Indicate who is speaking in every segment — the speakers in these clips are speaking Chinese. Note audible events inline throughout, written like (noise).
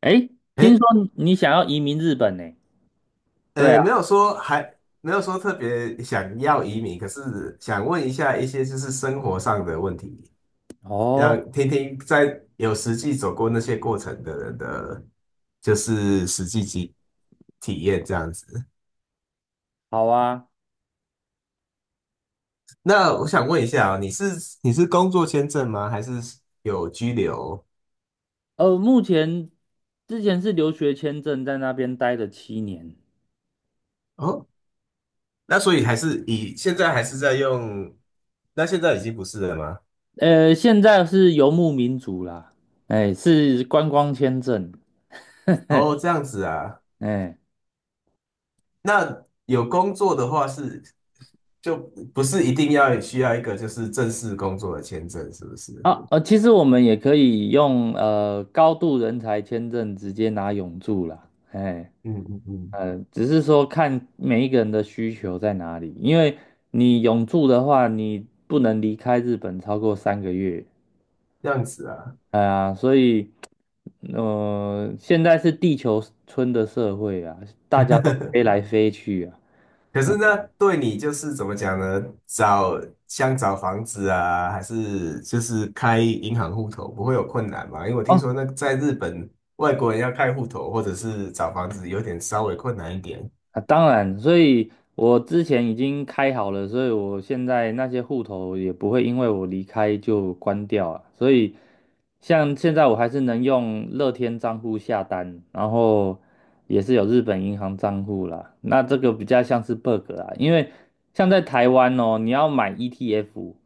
Speaker 1: 诶，听
Speaker 2: 诶，
Speaker 1: 说你想要移民日本呢？对啊。
Speaker 2: 没有说特别想要移民，可是想问一下一些就是生活上的问题，让
Speaker 1: 哦。
Speaker 2: 听听在有实际走过那些过程的人的，就是实际体验这样子。
Speaker 1: 好啊。
Speaker 2: 那我想问一下哦，你是工作签证吗？还是有居留？
Speaker 1: 目前之前是留学签证，在那边待了7年。
Speaker 2: 哦，那所以还是以现在还是在用，那现在已经不是了吗？
Speaker 1: 现在是游牧民族啦。哎，是观光签证。
Speaker 2: 哦，
Speaker 1: (laughs)
Speaker 2: 这样子啊。
Speaker 1: 哎。
Speaker 2: 那有工作的话是就不是一定要需要一个就是正式工作的签证，是不是？
Speaker 1: 啊。其实我们也可以用高度人才签证直接拿永住啦。哎。
Speaker 2: 嗯嗯嗯，
Speaker 1: 嗯。只是说看每一个人的需求在哪里，因为你永住的话，你不能离开日本超过3个月。
Speaker 2: 这样子啊。
Speaker 1: 哎呀，所以，现在是地球村的社会啊，大家都
Speaker 2: (laughs)
Speaker 1: 飞来飞去啊。
Speaker 2: 可
Speaker 1: 嗯。
Speaker 2: 是呢，对你就是怎么讲呢？像找房子啊，还是就是开银行户头，不会有困难吗？因为我听
Speaker 1: 哦。
Speaker 2: 说那在日本，外国人要开户头或者是找房子，有点稍微困难一点。
Speaker 1: 啊，当然，所以我之前已经开好了，所以我现在那些户头也不会因为我离开就关掉啊。所以像现在我还是能用乐天账户下单，然后也是有日本银行账户啦。那这个比较像是 bug 啊，因为像在台湾哦，你要买 ETF。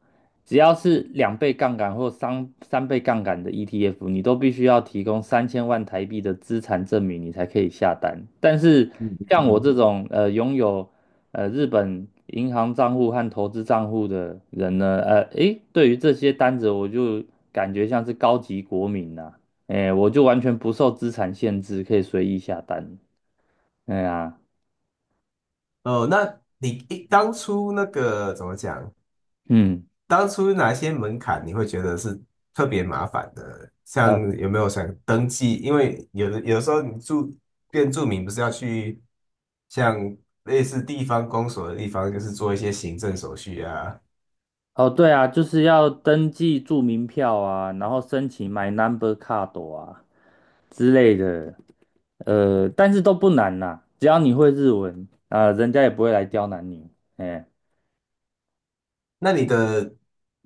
Speaker 1: 只要是两倍杠杆或三倍杠杆的 ETF，你都必须要提供3000万台币的资产证明，你才可以下单。但是
Speaker 2: 嗯嗯
Speaker 1: 像我
Speaker 2: 嗯。
Speaker 1: 这种拥有日本银行账户和投资账户的人呢，诶，对于这些单子，我就感觉像是高级国民呐、啊，诶，我就完全不受资产限制，可以随意下单。哎呀。
Speaker 2: 哦，那你一当初那个怎么讲？
Speaker 1: 嗯。
Speaker 2: 当初哪些门槛你会觉得是特别麻烦的？像
Speaker 1: 呃
Speaker 2: 有没有想登记？因为有时候你变住民不是要去像类似地方公所的地方，就是做一些行政手续啊。
Speaker 1: 哦，对啊，就是要登记住民票啊，然后申请买 Number Card 啊之类的。但是都不难呐，只要你会日文，啊、人家也不会来刁难你。哎、
Speaker 2: 那你的，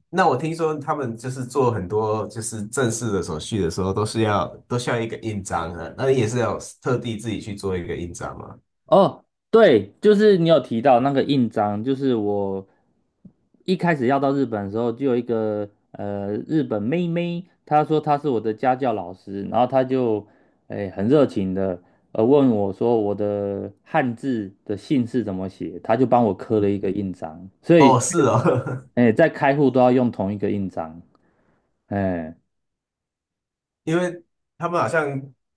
Speaker 2: 那我听说他们就是做很多就是正式的手续的时候，都需要一个印章的。那你也是要特地自己去做一个印章吗？
Speaker 1: 哦，对，就是你有提到那个印章，就是我一开始要到日本的时候，就有一个日本妹妹，她说她是我的家教老师，然后她就很热情的问我说我的汉字的姓氏怎么写，她就帮我刻了一个印章，所
Speaker 2: 哦，
Speaker 1: 以
Speaker 2: 是哦，(laughs)
Speaker 1: 哎在开户都要用同一个印章。哎。
Speaker 2: 因为他们好像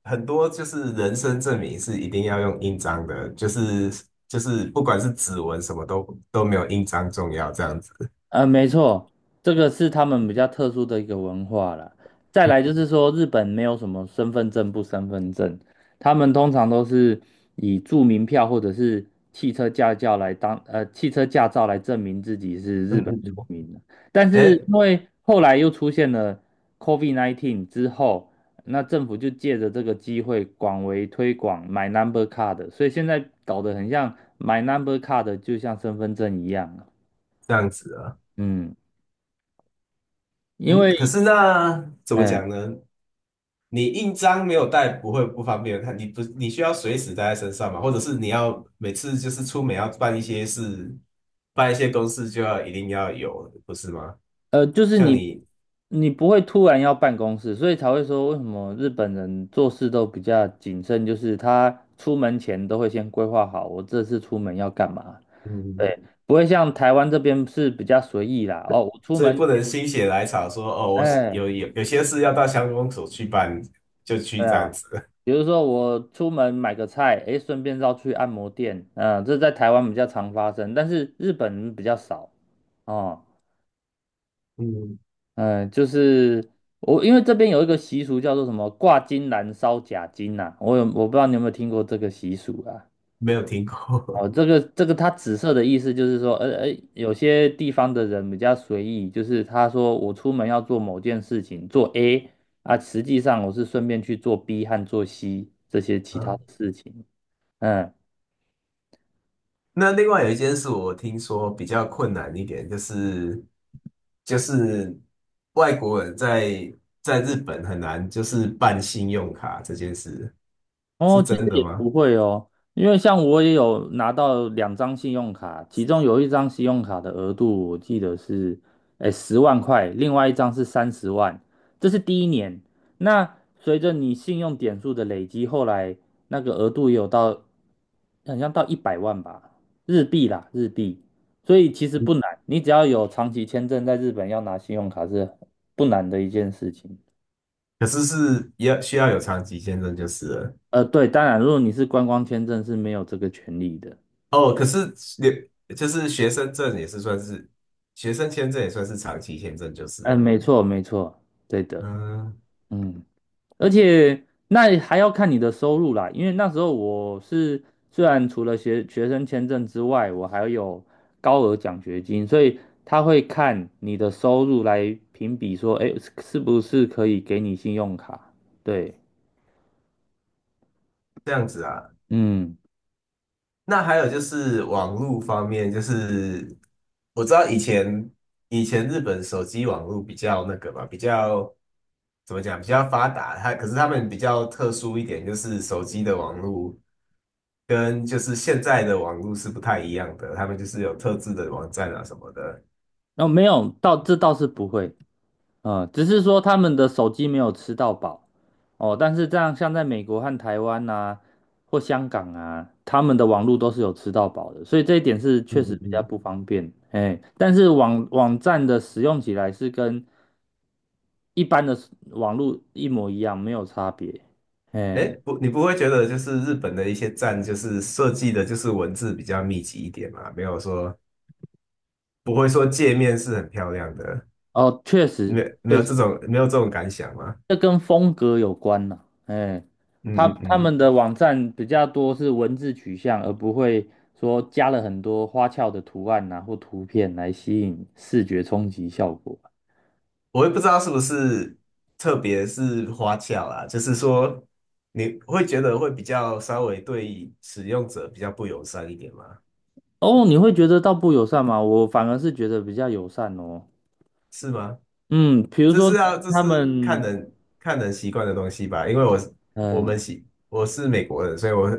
Speaker 2: 很多就是人生证明是一定要用印章的，就是不管是指纹什么都没有印章重要这样子。
Speaker 1: 没错，这个是他们比较特殊的一个文化了。再来
Speaker 2: 嗯
Speaker 1: 就是说，日本没有什么身份证不身份证，他们通常都是以住民票或者是汽车驾照来当汽车驾照来证明自己是日
Speaker 2: 嗯
Speaker 1: 本
Speaker 2: 嗯，
Speaker 1: 国民的。但是
Speaker 2: 哎，
Speaker 1: 因为后来又出现了 COVID-19 之后，那政府就借着这个机会广为推广买 Number Card，所以现在搞得很像买 Number Card 就像身份证一样了。
Speaker 2: 这样子啊，
Speaker 1: 嗯。因
Speaker 2: 嗯，
Speaker 1: 为
Speaker 2: 可是那怎么
Speaker 1: 哎，
Speaker 2: 讲呢？你印章没有带不会不方便，看你不你需要随时带在身上嘛，或者是你要每次就是出门要办一些事，办一些公事就要一定要有，不是吗？
Speaker 1: 就是
Speaker 2: 像
Speaker 1: 你，
Speaker 2: 你，
Speaker 1: 你不会突然要办公室，所以才会说为什么日本人做事都比较谨慎，就是他出门前都会先规划好，我这次出门要干嘛。
Speaker 2: 嗯，
Speaker 1: 对。不会像台湾这边是比较随意啦。哦，我出
Speaker 2: 所以
Speaker 1: 门。
Speaker 2: 不能心血来潮说哦，我
Speaker 1: 哎。
Speaker 2: 有有些事要到乡公所去办，就去
Speaker 1: 对
Speaker 2: 这样
Speaker 1: 啊，
Speaker 2: 子。
Speaker 1: 比如说我出门买个菜，哎，顺便绕去按摩店，嗯、这在台湾比较常发生，但是日本比较少哦。
Speaker 2: 嗯
Speaker 1: 嗯。就是我，因为这边有一个习俗叫做什么挂金兰烧假金呐、我不知道你有没有听过这个习俗啊？
Speaker 2: (laughs)，没有听过。
Speaker 1: 哦，这个它紫色的意思就是说，有些地方的人比较随意，就是他说我出门要做某件事情，做 A 啊，实际上我是顺便去做 B 和做 C
Speaker 2: (laughs)
Speaker 1: 这些其他的
Speaker 2: 嗯，
Speaker 1: 事情。嗯。
Speaker 2: 那另外有一件事我听说比较困难一点，就是外国人在日本很难就是办信用卡这件事是
Speaker 1: 哦，其实
Speaker 2: 真的
Speaker 1: 也
Speaker 2: 吗？
Speaker 1: 不会哦，因为像我也有拿到两张信用卡，其中有一张信用卡的额度我记得是，诶，十万块。另外一张是30万。这是第一年。那随着你信用点数的累积，后来那个额度也有到，好像到100万吧，日币啦，日币。所以其实不难，你只要有长期签证在日本要拿信用卡是不难的一件事情。
Speaker 2: 可是是也需要有长期签证就是了。
Speaker 1: 对，当然，如果你是观光签证是没有这个权利的。
Speaker 2: 哦，可是留就是学生证也是算是学生签证也算是长期签证就是
Speaker 1: 嗯，
Speaker 2: 了。
Speaker 1: 没错，没错。对的。
Speaker 2: 嗯，
Speaker 1: 嗯。而且那还要看你的收入啦，因为那时候我是虽然除了学生签证之外，我还有高额奖学金，所以他会看你的收入来评比说，哎，是不是可以给你信用卡？对。
Speaker 2: 这样子啊。
Speaker 1: 嗯。
Speaker 2: 那还有就是网络方面，就是我知道以前日本手机网络比较那个嘛，比较怎么讲，比较发达。它可是他们比较特殊一点，就是手机的网络跟就是现在的网络是不太一样的，他们就是有特制的网站啊什么的。
Speaker 1: 那没有，到这倒是不会。嗯，只是说他们的手机没有吃到饱。哦，但是这样像在美国和台湾呐，或香港啊，他们的网络都是有吃到饱的，所以这一点是
Speaker 2: 嗯
Speaker 1: 确实
Speaker 2: 嗯
Speaker 1: 比较
Speaker 2: 嗯。
Speaker 1: 不方便。哎，但是网站的使用起来是跟一般的网络一模一样，没有差别。
Speaker 2: 哎，
Speaker 1: 哎。
Speaker 2: 不，你不会觉得就是日本的一些站就是设计的，就是文字比较密集一点嘛？没有说不会说界面是很漂亮的。
Speaker 1: 哦，确
Speaker 2: 没
Speaker 1: 实
Speaker 2: 有没
Speaker 1: 确
Speaker 2: 有
Speaker 1: 实，
Speaker 2: 这种没有这种感想吗？
Speaker 1: 这跟风格有关呐、哎，他
Speaker 2: 嗯嗯
Speaker 1: 他
Speaker 2: 嗯，
Speaker 1: 们的网站比较多是文字取向，而不会说加了很多花俏的图案呐或图片来吸引视觉冲击效果。
Speaker 2: 我也不知道是不是，特别是花俏啊，就是说你会觉得会比较稍微对使用者比较不友善一点吗？
Speaker 1: 哦，你会觉得到不友善吗？我反而是觉得比较友善哦。
Speaker 2: 是吗？
Speaker 1: 嗯，比如
Speaker 2: 这
Speaker 1: 说
Speaker 2: 是要这
Speaker 1: 他
Speaker 2: 是看
Speaker 1: 们。
Speaker 2: 人看人习惯的东西吧，因为我我们
Speaker 1: 嗯。
Speaker 2: 习我是美国人，所以我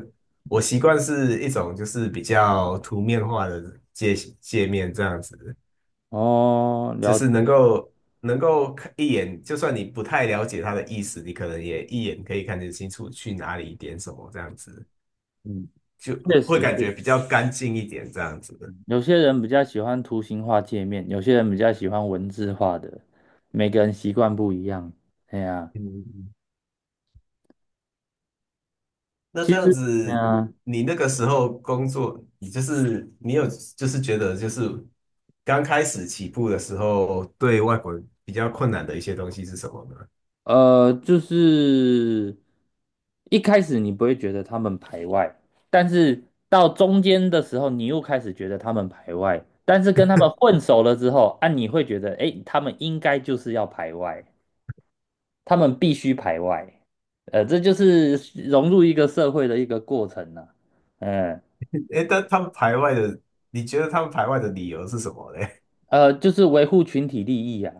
Speaker 2: 我习惯是一种就是比较图面化的界面这样子。
Speaker 1: 哦。
Speaker 2: 就
Speaker 1: 聊。
Speaker 2: 是能够看一眼，就算你不太了解他的意思，你可能也一眼可以看得清楚去哪里点什么，这样子
Speaker 1: 嗯。
Speaker 2: 就
Speaker 1: 确
Speaker 2: 会
Speaker 1: 实
Speaker 2: 感觉
Speaker 1: 是，
Speaker 2: 比较干净一点，这样子的。
Speaker 1: 有些人比较喜欢图形化界面，有些人比较喜欢文字化的，每个人习惯不一样。哎呀。
Speaker 2: 嗯，那
Speaker 1: 其
Speaker 2: 这样
Speaker 1: 实。哎
Speaker 2: 子，
Speaker 1: 呀。
Speaker 2: 你那个时候工作，你就是你有就是觉得就是刚开始起步的时候，对外国人比较困难的一些东西是什么呢？
Speaker 1: 就是一开始你不会觉得他们排外，但是到中间的时候，你又开始觉得他们排外，但是跟他们混熟了之后，啊，你会觉得，诶，他们应该就是要排外，他们必须排外。这就是融入一个社会的一个过程呐、嗯。
Speaker 2: (laughs) 诶，但他们排外的，你觉得他们排外的理由是什么嘞？
Speaker 1: 就是维护群体利益啊。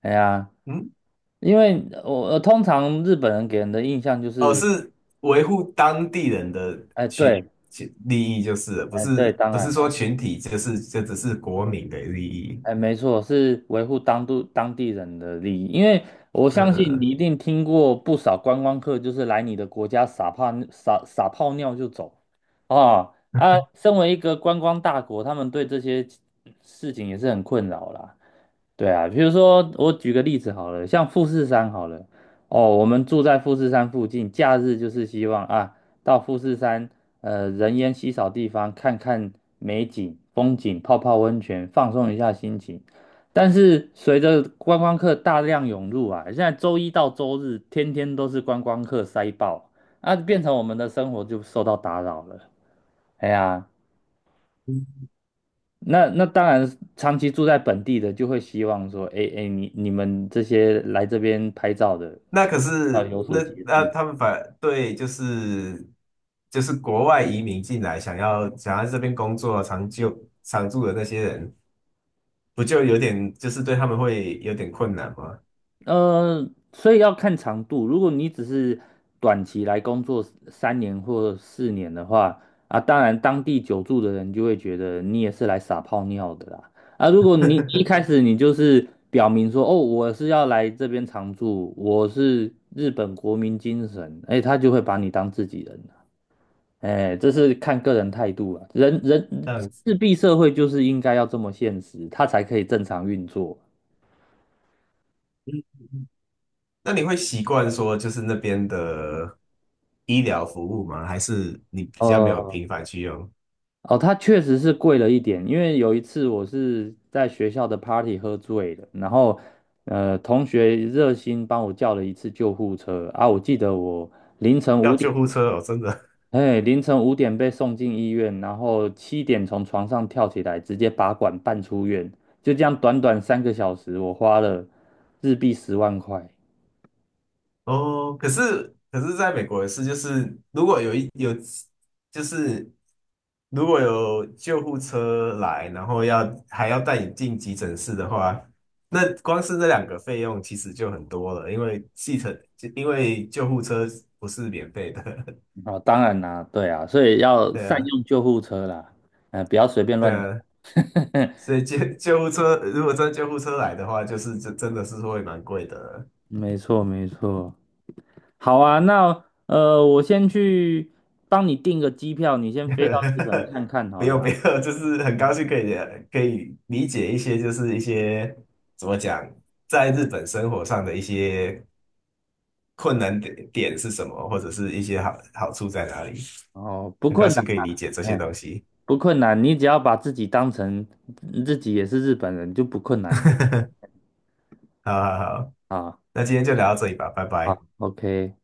Speaker 1: 哎呀，
Speaker 2: (laughs) 嗯。
Speaker 1: 因为我、通常日本人给人的印象就
Speaker 2: 哦，
Speaker 1: 是，
Speaker 2: 是维护当地人的
Speaker 1: 哎，
Speaker 2: 群
Speaker 1: 对。
Speaker 2: 群利益就是了，不
Speaker 1: 哎，对，
Speaker 2: 是
Speaker 1: 当
Speaker 2: 不是
Speaker 1: 然
Speaker 2: 说
Speaker 1: 啦。
Speaker 2: 群体，就是就只是国民的利益。
Speaker 1: 哎，没错，是维护当地人的利益，因为我相
Speaker 2: 嗯
Speaker 1: 信你
Speaker 2: 嗯
Speaker 1: 一定听过不少观光客，就是来你的国家撒泡尿就走。啊啊，身为一个观光大国，他们对这些事情也是很困扰啦。对啊，比如说我举个例子好了，像富士山好了，哦，我们住在富士山附近，假日就是希望啊，到富士山，人烟稀少地方看看美景、风景，泡泡温泉，放松一下心情。但是随着观光客大量涌入啊，现在周一到周日天天都是观光客塞爆，啊，变成我们的生活就受到打扰了。哎呀。那当然，长期住在本地的就会希望说，哎哎，你们这些来这边拍照的
Speaker 2: 那可
Speaker 1: 要
Speaker 2: 是
Speaker 1: 有
Speaker 2: 那
Speaker 1: 所节
Speaker 2: 那
Speaker 1: 制。
Speaker 2: 他们反对就是国外移民进来，想要这边工作长久常住的那些人，不就有点就是对他们会有点困难吗？
Speaker 1: 所以要看长度。如果你只是短期来工作3年或4年的话，啊，当然当地久住的人就会觉得你也是来撒泡尿的啦。啊，如果你一开
Speaker 2: (laughs)
Speaker 1: 始你就是表明说，哦，我是要来这边常住，我是日本国民精神，哎，他就会把你当自己人。哎，这是看个人态度啊。
Speaker 2: 这样子，
Speaker 1: 日币社会就是应该要这么现实，它才可以正常运作。
Speaker 2: 那你会习惯说就是那边的医疗服务吗？还是你比较没有频
Speaker 1: 哦。
Speaker 2: 繁去用？
Speaker 1: 哦，它确实是贵了一点，因为有一次我是在学校的 party 喝醉了，然后同学热心帮我叫了一次救护车啊，我记得我凌晨
Speaker 2: 要
Speaker 1: 五点，
Speaker 2: 救护车哦，真的
Speaker 1: 凌晨五点被送进医院，然后7点从床上跳起来，直接拔管办出院，就这样短短3个小时，我花了日币十万块。
Speaker 2: 哦。可是，在美国也是，就是如果有一有，就是如果有救护车来，然后要还要带你进急诊室的话，那光是那两个费用其实就很多了，因为系统因为救护车不是免费的，
Speaker 1: 哦，当然啦，对啊，所以
Speaker 2: (laughs)
Speaker 1: 要
Speaker 2: 对
Speaker 1: 善
Speaker 2: 啊
Speaker 1: 用救护车啦。嗯，不要随便
Speaker 2: 对
Speaker 1: 乱等。
Speaker 2: 啊，
Speaker 1: (laughs)
Speaker 2: 所以救护车如果救护车来的话，就是真的是会蛮贵的。
Speaker 1: 没错，没错。好啊，那我先去帮你订个机票，你先飞到日本看看
Speaker 2: (laughs)
Speaker 1: 好
Speaker 2: 没
Speaker 1: 了
Speaker 2: 有
Speaker 1: 啦。
Speaker 2: 没有，(laughs) 就是很高兴可以理解一些，就是一些怎么讲，在日本生活上的一些困难点是什么，或者是一些好好处在哪里。
Speaker 1: 哦，不
Speaker 2: 很高
Speaker 1: 困难。
Speaker 2: 兴可以理解这些
Speaker 1: 哎，
Speaker 2: 东西。
Speaker 1: 不困难，你只要把自己当成自己也是日本人，就不困难了。
Speaker 2: 好好好，
Speaker 1: 啊，
Speaker 2: 那今天就聊到这里吧，拜拜。
Speaker 1: 好，OK。